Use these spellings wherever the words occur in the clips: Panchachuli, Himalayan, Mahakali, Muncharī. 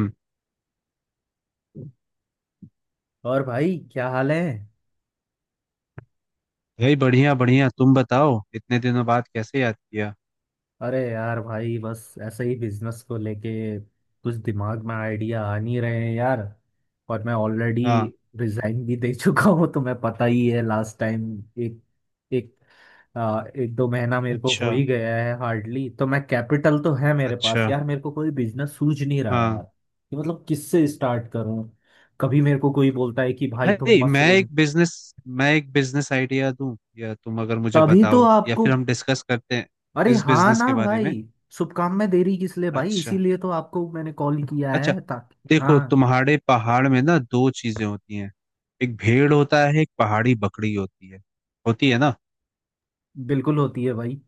हम्म, और भाई क्या हाल है? भाई बढ़िया बढ़िया तुम बताओ इतने दिनों बाद कैसे याद किया। अरे यार भाई, बस ऐसे ही बिजनेस को लेके कुछ दिमाग में आइडिया आ नहीं रहे हैं यार। और मैं ऑलरेडी हाँ। रिजाइन भी दे चुका हूँ, तो मैं पता ही है लास्ट टाइम। एक एक आ, एक दो महीना मेरे को हो अच्छा। ही गया है हार्डली। तो मैं, कैपिटल तो है मेरे अच्छा। पास यार, मेरे को कोई बिजनेस सूझ नहीं रहा यार हाँ कि मतलब किससे स्टार्ट करूँ। कभी मेरे को कोई बोलता है कि भाई तुम भाई मशरूम, मैं एक बिजनेस आइडिया दूं, या तुम अगर मुझे तभी तो बताओ, या आपको। फिर हम डिस्कस करते हैं अरे इस हाँ बिजनेस ना के बारे भाई, में। शुभकामनाएं देरी किस लिए भाई, अच्छा। इसीलिए तो आपको मैंने कॉल किया अच्छा। है, ताकि देखो हाँ। तुम्हारे पहाड़ में ना दो चीजें होती हैं। एक भेड़ होता है, एक पहाड़ी बकरी होती है। होती है ना? बिल्कुल होती है भाई।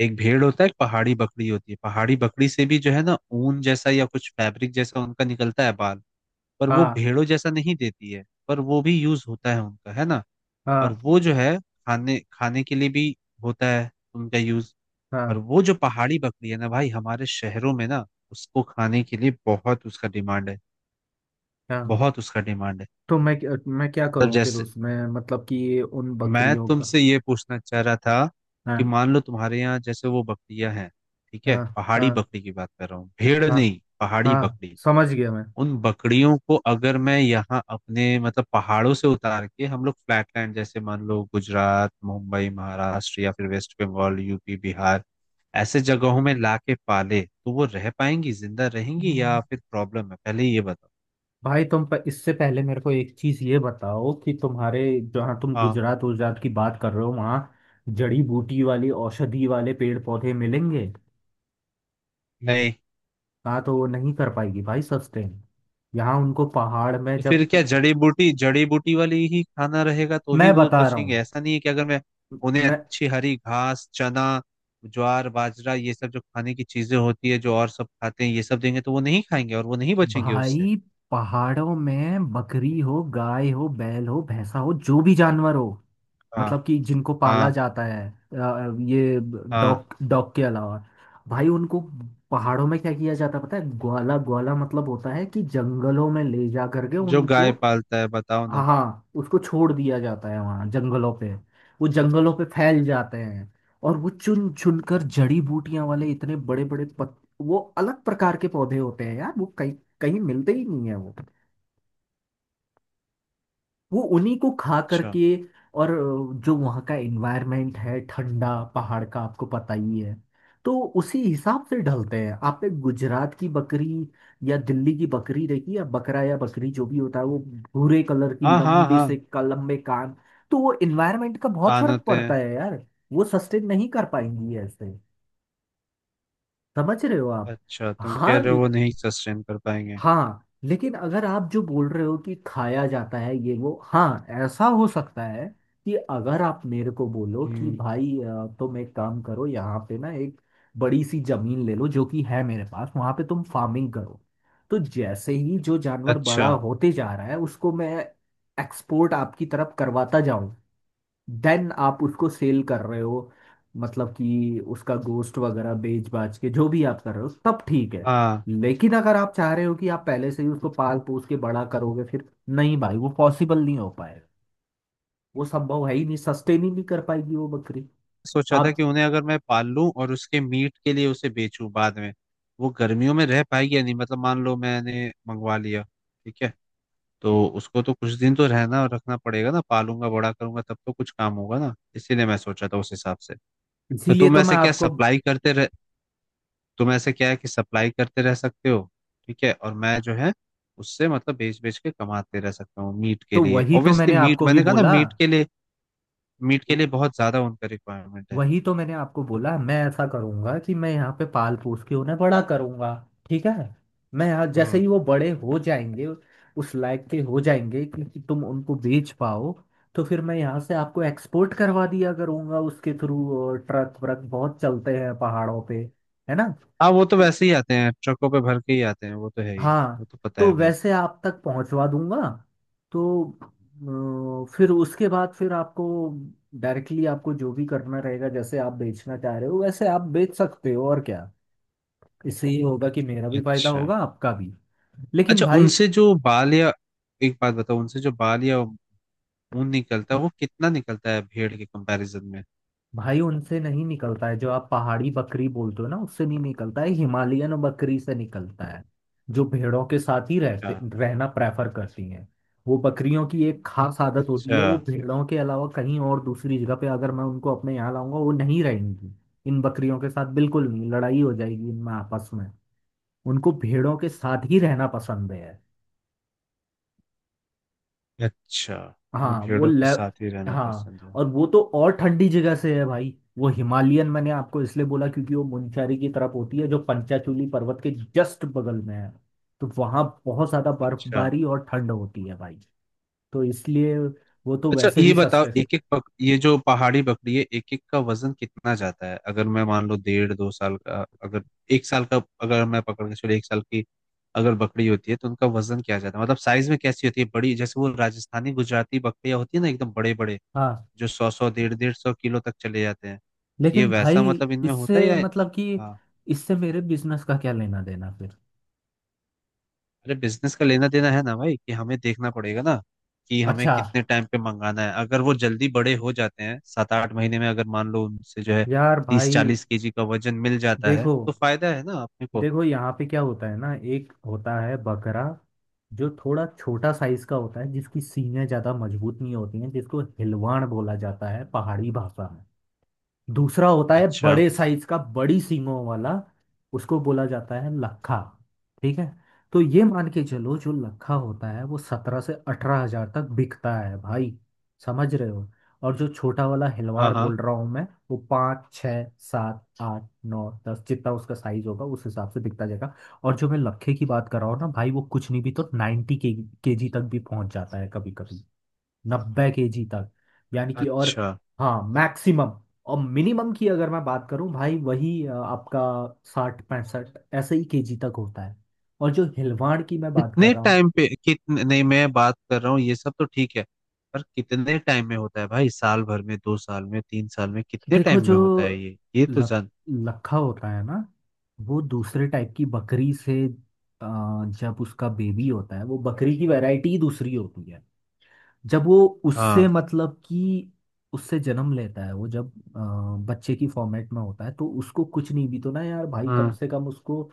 एक भेड़ होता है, एक पहाड़ी बकरी होती है। पहाड़ी बकरी से भी जो है ना ऊन जैसा या कुछ फैब्रिक जैसा उनका निकलता है बाल। पर वो हाँ, भेड़ों जैसा नहीं देती है, पर वो भी यूज होता है उनका, है ना। और हाँ, वो जो है खाने खाने के लिए भी होता है उनका यूज। और हाँ, वो जो पहाड़ी बकरी है ना भाई, हमारे शहरों में ना उसको खाने के लिए बहुत उसका डिमांड है। हाँ। बहुत उसका डिमांड है। तो मैं क्या मतलब करूँ फिर जैसे उसमें, मतलब कि उन मैं बकरियों का? तुमसे ये पूछना चाह रहा था कि हाँ, मान लो तुम्हारे यहाँ जैसे वो बकरियां हैं, ठीक है, हाँ, पहाड़ी हाँ, बकरी की बात कर रहा हूँ, भेड़ हाँ, नहीं, पहाड़ी हाँ, बकरी। समझ गया मैं। उन बकरियों को अगर मैं यहाँ अपने मतलब पहाड़ों से उतार के हम लोग फ्लैट लैंड, जैसे मान लो गुजरात, मुंबई, महाराष्ट्र या फिर वेस्ट बंगाल, यूपी, बिहार, ऐसे जगहों में लाके पाले, तो वो रह पाएंगी, जिंदा रहेंगी हम्म। या फिर प्रॉब्लम है, पहले ये बताओ। भाई तुम इससे पहले मेरे को एक चीज ये बताओ कि तुम्हारे, जहाँ तुम हाँ। गुजरात गुजरात की बात कर रहे हो, वहाँ जड़ी बूटी वाली औषधि वाले पेड़ पौधे मिलेंगे? नहीं। हाँ तो वो नहीं कर पाएगी भाई सस्टेन। यहाँ उनको पहाड़ में तो फिर जब, क्या जड़ी बूटी वाली ही खाना रहेगा तो ही मैं वो बता रहा बचेंगे? हूँ, ऐसा नहीं है कि अगर मैं उन्हें मैं अच्छी हरी घास, चना, ज्वार, बाजरा, ये सब जो खाने की चीजें होती है जो और सब खाते हैं, ये सब देंगे तो वो नहीं खाएंगे और वो नहीं बचेंगे उससे? भाई, पहाड़ों में बकरी हो, गाय हो, बैल हो, भैंसा हो, जो भी जानवर हो, हाँ। मतलब कि जिनको पाला हाँ। जाता है, ये हाँ, डॉग डॉग के अलावा, भाई उनको पहाड़ों में क्या किया जाता है पता है? ग्वाला, ग्वाला मतलब होता है कि जंगलों में ले जा करके जो उनको, गाय पालता है बताओ हाँ ना। हाँ, उसको छोड़ दिया जाता है वहाँ जंगलों पे। वो जंगलों पे फैल जाते हैं, और वो चुन चुन कर जड़ी बूटियां वाले इतने बड़े बड़े पत, वो अलग प्रकार के पौधे होते हैं यार, वो कहीं कहीं मिलते ही नहीं है वो। वो उन्हीं को खा अच्छा। करके, और जो वहाँ का एनवायरनमेंट है ठंडा पहाड़ का, आपको पता ही है। तो उसी हिसाब से ढलते हैं। आप एक गुजरात की बकरी या दिल्ली की बकरी देखिए, या बकरा या बकरी जो भी होता है, वो भूरे कलर की हाँ। हाँ। लंबी हाँ, से का लंबे कान, तो वो एनवायरनमेंट का बहुत कान फर्क होते पड़ता हैं। है यार। वो सस्टेन नहीं कर पाएंगी ऐसे। समझ रहे हो आप? अच्छा तुम कह हाँ, रहे हो वो नहीं सस्टेन कर पाएंगे। हाँ, लेकिन अगर आप जो बोल रहे हो कि खाया जाता है ये वो, हाँ ऐसा हो सकता है कि अगर आप मेरे को बोलो कि हम्म। भाई, तुम एक काम करो यहाँ पे ना, एक बड़ी सी जमीन ले लो जो कि है मेरे पास, वहाँ पे तुम फार्मिंग करो। तो जैसे ही जो जानवर अच्छा। बड़ा होते जा रहा है, उसको मैं एक्सपोर्ट आपकी तरफ करवाता, देन आप उसको सेल कर रहे हो, मतलब कि उसका गोस्ट वगैरह बेच बाच के जो भी आप कर रहे हो, तब ठीक है। हाँ। लेकिन अगर आप चाह रहे हो कि आप पहले से ही उसको पाल पोस के बड़ा करोगे, फिर नहीं भाई, वो पॉसिबल नहीं हो पाएगा। वो संभव है ही नहीं, सस्टेन ही नहीं कर पाएगी वो बकरी। सोचा था आप, कि उन्हें अगर मैं पाल लूं और उसके मीट के लिए उसे बेचूं बाद में। वो गर्मियों में रह पाएगी या नहीं, मतलब मान लो मैंने मंगवा लिया, ठीक है, तो उसको तो कुछ दिन तो रहना और रखना पड़ेगा ना, पालूंगा, बड़ा करूंगा, तब तो कुछ काम होगा ना, इसीलिए मैं सोचा था उस हिसाब से। तो इसीलिए तो मैं आपको, तुम ऐसे क्या है कि सप्लाई करते रह सकते हो। ठीक है, और मैं जो है उससे मतलब बेच बेच के कमाते रह सकता हूँ, मीट के तो लिए, वही तो ऑब्वियसली मैंने मीट, आपको भी मैंने कहा ना बोला। मीट के लिए। मीट के लिए बहुत ज्यादा उनका रिक्वायरमेंट है। वही तो मैंने आपको बोला, मैं ऐसा करूंगा कि मैं यहाँ पे पाल पोस के उन्हें बड़ा करूंगा, ठीक है? मैं यहाँ जैसे हम्म। ही वो बड़े हो जाएंगे, उस लायक के हो जाएंगे कि तुम उनको बेच पाओ, तो फिर मैं यहाँ से आपको एक्सपोर्ट करवा दिया करूंगा, उसके थ्रू ट्रक व्रक बहुत चलते हैं पहाड़ों पे, है ना? हाँ, वो तो वैसे ही आते हैं, ट्रकों पे भर के ही आते हैं वो तो, है ही। वो हाँ, तो पता तो है भाई। वैसे आप तक पहुंचवा दूंगा। तो फिर उसके बाद, फिर आपको डायरेक्टली आपको जो भी करना रहेगा, जैसे आप बेचना चाह रहे हो वैसे आप बेच सकते हो, और क्या। इससे ये होगा कि मेरा भी फायदा अच्छा। होगा, आपका भी। लेकिन अच्छा, भाई, उनसे जो बाल या एक बात बताओ, उनसे जो बाल या ऊन निकलता है वो कितना निकलता है भेड़ के कंपैरिजन में। भाई उनसे नहीं निकलता है, जो आप पहाड़ी बकरी बोलते हो ना, उससे नहीं निकलता है, हिमालयन बकरी से निकलता है, जो भेड़ों के साथ ही रहते अच्छा। रहना प्रेफर करती हैं। वो बकरियों की एक खास आदत होती अच्छा। है, वो भेड़ों के अलावा कहीं और दूसरी जगह पे अगर मैं उनको अपने यहाँ लाऊंगा, वो नहीं रहेंगी। इन बकरियों के साथ बिल्कुल नहीं, लड़ाई हो जाएगी इनमें आपस में। उनको भेड़ों के साथ ही रहना पसंद है। अच्छा, तुम्हें हाँ वो भेड़ों के लेव, साथ ही रहना हाँ पसंद है? और वो तो और ठंडी जगह से है भाई। वो हिमालयन मैंने आपको इसलिए बोला क्योंकि वो मुनचारी की तरफ होती है, जो पंचाचूली पर्वत के जस्ट बगल में है। तो वहाँ बहुत ज्यादा अच्छा। बर्फबारी और ठंड होती है भाई, तो इसलिए वो तो अच्छा वैसे ये भी बताओ, सस्ते। एक एक पक, ये जो पहाड़ी बकरी है एक एक का वजन कितना जाता है? अगर मैं मान लो 1.5-2 साल का, अगर एक साल का, अगर मैं पकड़ के चलो एक साल की अगर बकरी होती है, तो उनका वजन क्या जाता है, मतलब साइज में कैसी होती है, बड़ी जैसे वो राजस्थानी गुजराती बकरियां होती है ना, एकदम बड़े बड़े हाँ जो 100-150 किलो तक चले जाते हैं, ये लेकिन भाई, वैसा मतलब इनमें इससे होता है या? मतलब कि, हाँ, इससे मेरे बिजनेस का क्या लेना देना फिर? अरे बिजनेस का लेना देना है ना भाई, कि हमें देखना पड़ेगा ना कि हमें अच्छा कितने टाइम पे मंगाना है, अगर वो जल्दी बड़े हो जाते हैं 7-8 महीने में, अगर मान लो उनसे जो है यार तीस भाई। चालीस केजी का वजन मिल जाता है देखो, तो फायदा है ना अपने को। देखो यहाँ पे क्या होता है ना, एक होता है बकरा, जो थोड़ा छोटा साइज का होता है, जिसकी सीने ज्यादा मजबूत नहीं होती हैं, जिसको हिलवाण बोला जाता है पहाड़ी भाषा में। दूसरा होता है अच्छा। बड़े साइज का, बड़ी सींगों वाला, उसको बोला जाता है लखा, ठीक है? तो ये मान के चलो, जो लखा होता है वो 17 से 18 हजार तक बिकता है भाई, समझ रहे हो? और जो छोटा वाला हाँ। हिलवाड़ हाँ। बोल रहा हूँ मैं, वो पाँच, छः, सात, आठ, नौ, दस, जितना उसका साइज होगा उस हिसाब से बिकता जाएगा। और जो मैं लखे की बात कर रहा हूँ ना भाई, वो कुछ नहीं भी तो नाइन्टी के जी तक भी पहुंच जाता है कभी कभी, 90 के जी तक, यानी कि, और अच्छा, हाँ मैक्सिमम। और मिनिमम की अगर मैं बात करूं भाई, वही आपका 60 65 ऐसे ही केजी तक होता है। और जो हिलवाड़ की मैं बात कर कितने रहा हूँ, टाइम पे कितने, नहीं मैं बात कर रहा हूँ ये सब तो ठीक है, पर कितने टाइम में होता है भाई, साल भर में, 2 साल में, 3 साल में, कितने देखो टाइम जो में होता है ये तो लक, जान। लखा होता है ना, वो दूसरे टाइप की बकरी से, जब उसका बेबी होता है, वो बकरी की वैरायटी ही दूसरी होती है। जब वो उससे हाँ। मतलब कि उससे जन्म लेता है, वो जब बच्चे की फॉर्मेट में होता है, तो उसको कुछ नहीं भी तो ना यार भाई, कम हाँ। से कम उसको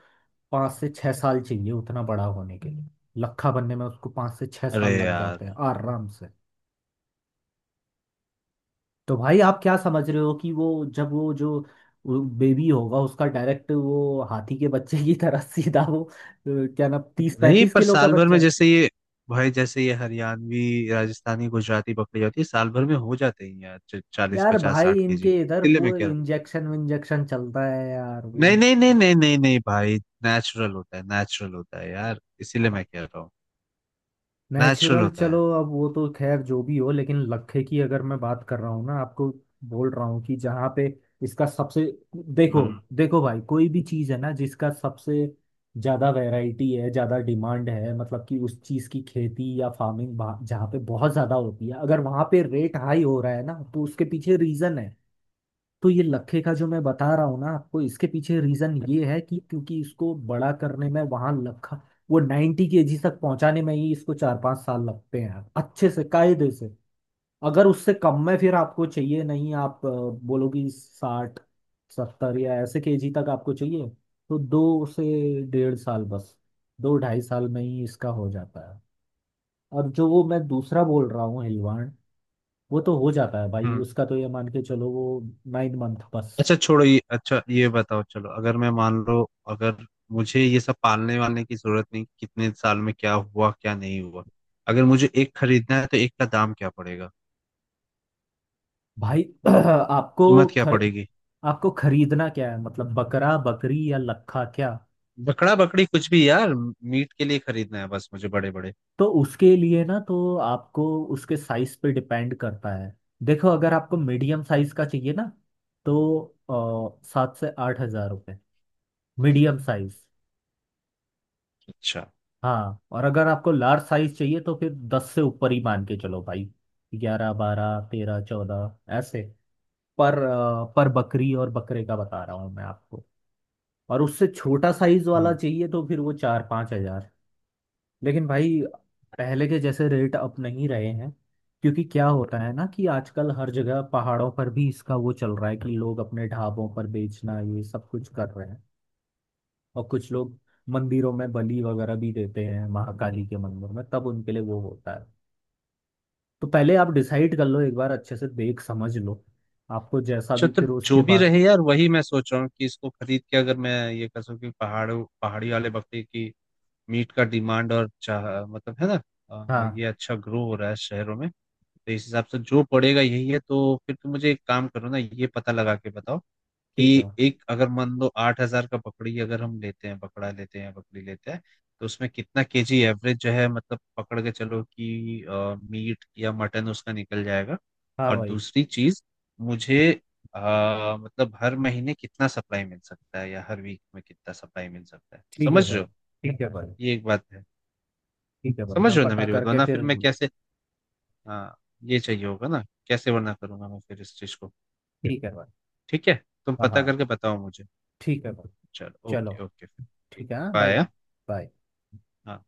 5 से 6 साल चाहिए उतना बड़ा होने के लिए। लट्ठा बनने में उसको पाँच से छः अरे साल लग यार, जाते हैं आराम से। तो भाई आप क्या समझ रहे हो कि वो जब वो जो बेबी होगा उसका डायरेक्ट, वो हाथी के बच्चे की तरह सीधा वो क्या ना तीस नहीं, पैंतीस पर किलो का साल भर में बच्चा? जैसे ये भाई, जैसे ये हरियाणवी राजस्थानी गुजराती बकरी होती है साल भर में हो जाते हैं यार चालीस यार पचास भाई साठ केजी इनके की, इधर इसीलिए मैं वो कह रहा इंजेक्शन विंजेक्शन चलता है यार हूँ। इन, नहीं नहीं नहीं नहीं नहीं नहीं भाई, नेचुरल होता है, नेचुरल होता है यार, इसीलिए मैं कह रहा हूँ। Natural natural. होता चलो, है। अब वो तो खैर जो भी हो, लेकिन लखे की अगर मैं बात कर रहा हूँ ना आपको, बोल रहा हूँ कि जहाँ पे इसका सबसे, देखो, हम्म। देखो भाई, कोई भी चीज़ है ना जिसका सबसे ज़्यादा वैरायटी है, ज़्यादा डिमांड है, मतलब कि उस चीज़ की खेती या फार्मिंग जहाँ पे बहुत ज़्यादा होती है, अगर वहाँ पे रेट हाई हो रहा है ना, तो उसके पीछे रीज़न है। तो ये लखे का जो मैं बता रहा हूँ ना आपको, इसके पीछे रीजन ये है कि क्योंकि इसको बड़ा करने में, वहां लखा वो 90 केजी तक पहुंचाने में ही इसको 4 5 साल लगते हैं, अच्छे से कायदे से। अगर उससे कम में, फिर आपको चाहिए नहीं, आप बोलोगी साठ सत्तर या ऐसे केजी तक आपको चाहिए, तो दो से, डेढ़ साल बस, दो ढाई साल में ही इसका हो जाता है। और जो वो मैं दूसरा बोल रहा हूँ हिलवाड़, वो तो हो जाता है भाई हम्म। उसका, तो ये मान के चलो वो नाइन मंथ बस। अच्छा छोड़ो ये, अच्छा ये बताओ, चलो अगर मैं मान लो, अगर मुझे ये सब पालने वालने की जरूरत नहीं, कितने साल में क्या हुआ क्या नहीं हुआ, अगर मुझे एक खरीदना है तो एक का दाम क्या पड़ेगा, भाई आपको, कीमत क्या खर पड़ेगी? आपको खरीदना क्या है, मतलब बकरा बकरी या लखा क्या? बकड़ा बकड़ी कुछ भी यार, मीट के लिए खरीदना है बस, मुझे बड़े बड़े। तो उसके लिए ना तो आपको, उसके साइज पे डिपेंड करता है। देखो, अगर आपको मीडियम साइज का चाहिए ना, तो 7 से 8 हजार रुपये, मीडियम साइज। अच्छा। हाँ, और अगर आपको लार्ज साइज चाहिए तो फिर दस से ऊपर ही मान के चलो भाई, 11 12 13 14 ऐसे। पर बकरी और बकरे का बता रहा हूँ मैं आपको। और उससे छोटा साइज वाला हाँ। चाहिए तो फिर वो 4 5 हजार। लेकिन भाई पहले के जैसे रेट अब नहीं रहे हैं, क्योंकि क्या होता है ना कि आजकल हर जगह पहाड़ों पर भी इसका वो चल रहा है कि लोग अपने ढाबों पर बेचना ये सब कुछ कर रहे हैं। और कुछ लोग मंदिरों में बलि वगैरह भी देते हैं, महाकाली के मंदिर में तब उनके लिए वो होता है। तो पहले आप डिसाइड कर लो, एक बार अच्छे से देख समझ लो, आपको जैसा अच्छा भी, तो फिर उसके जो भी बाद। रहे यार, वही मैं सोच रहा हूँ कि इसको खरीद के अगर मैं ये कर सकूँ कि पहाड़ों पहाड़ी वाले बकरे की मीट का डिमांड और चाह मतलब है ना, हाँ ये अच्छा ग्रो हो रहा है शहरों में, तो इस हिसाब से जो पड़ेगा यही है, तो फिर तुम मुझे एक काम करो ना, ये पता लगा के बताओ ठीक है। कि एक अगर मान लो 8,000 का पकड़ी अगर हम लेते हैं, पकड़ा लेते हैं, पकड़ी लेते हैं, तो उसमें कितना केजी एवरेज जो है, मतलब पकड़ के चलो कि मीट या मटन उसका निकल जाएगा। हाँ और भाई, दूसरी चीज, मुझे अ, मतलब हर महीने कितना सप्लाई मिल सकता है या हर वीक में कितना सप्लाई मिल सकता है, ठीक है समझ रहे भाई, हो। ठीक है भाई, ये एक बात है। ठीक है भाई समझ मैं रहे हो ना पता मेरी बात, करके वरना फिर, फिर मैं कैसे। हाँ, ये चाहिए होगा ना, कैसे वरना करूंगा मैं फिर इस चीज को। ठीक है भाई। ठीक है, तुम हाँ, पता हाँ, करके बताओ मुझे। ठीक है भाई, चलो, चलो, ओके ओके, ठीक। ठीक है हाँ भाई, बाय। बाय। हाँ।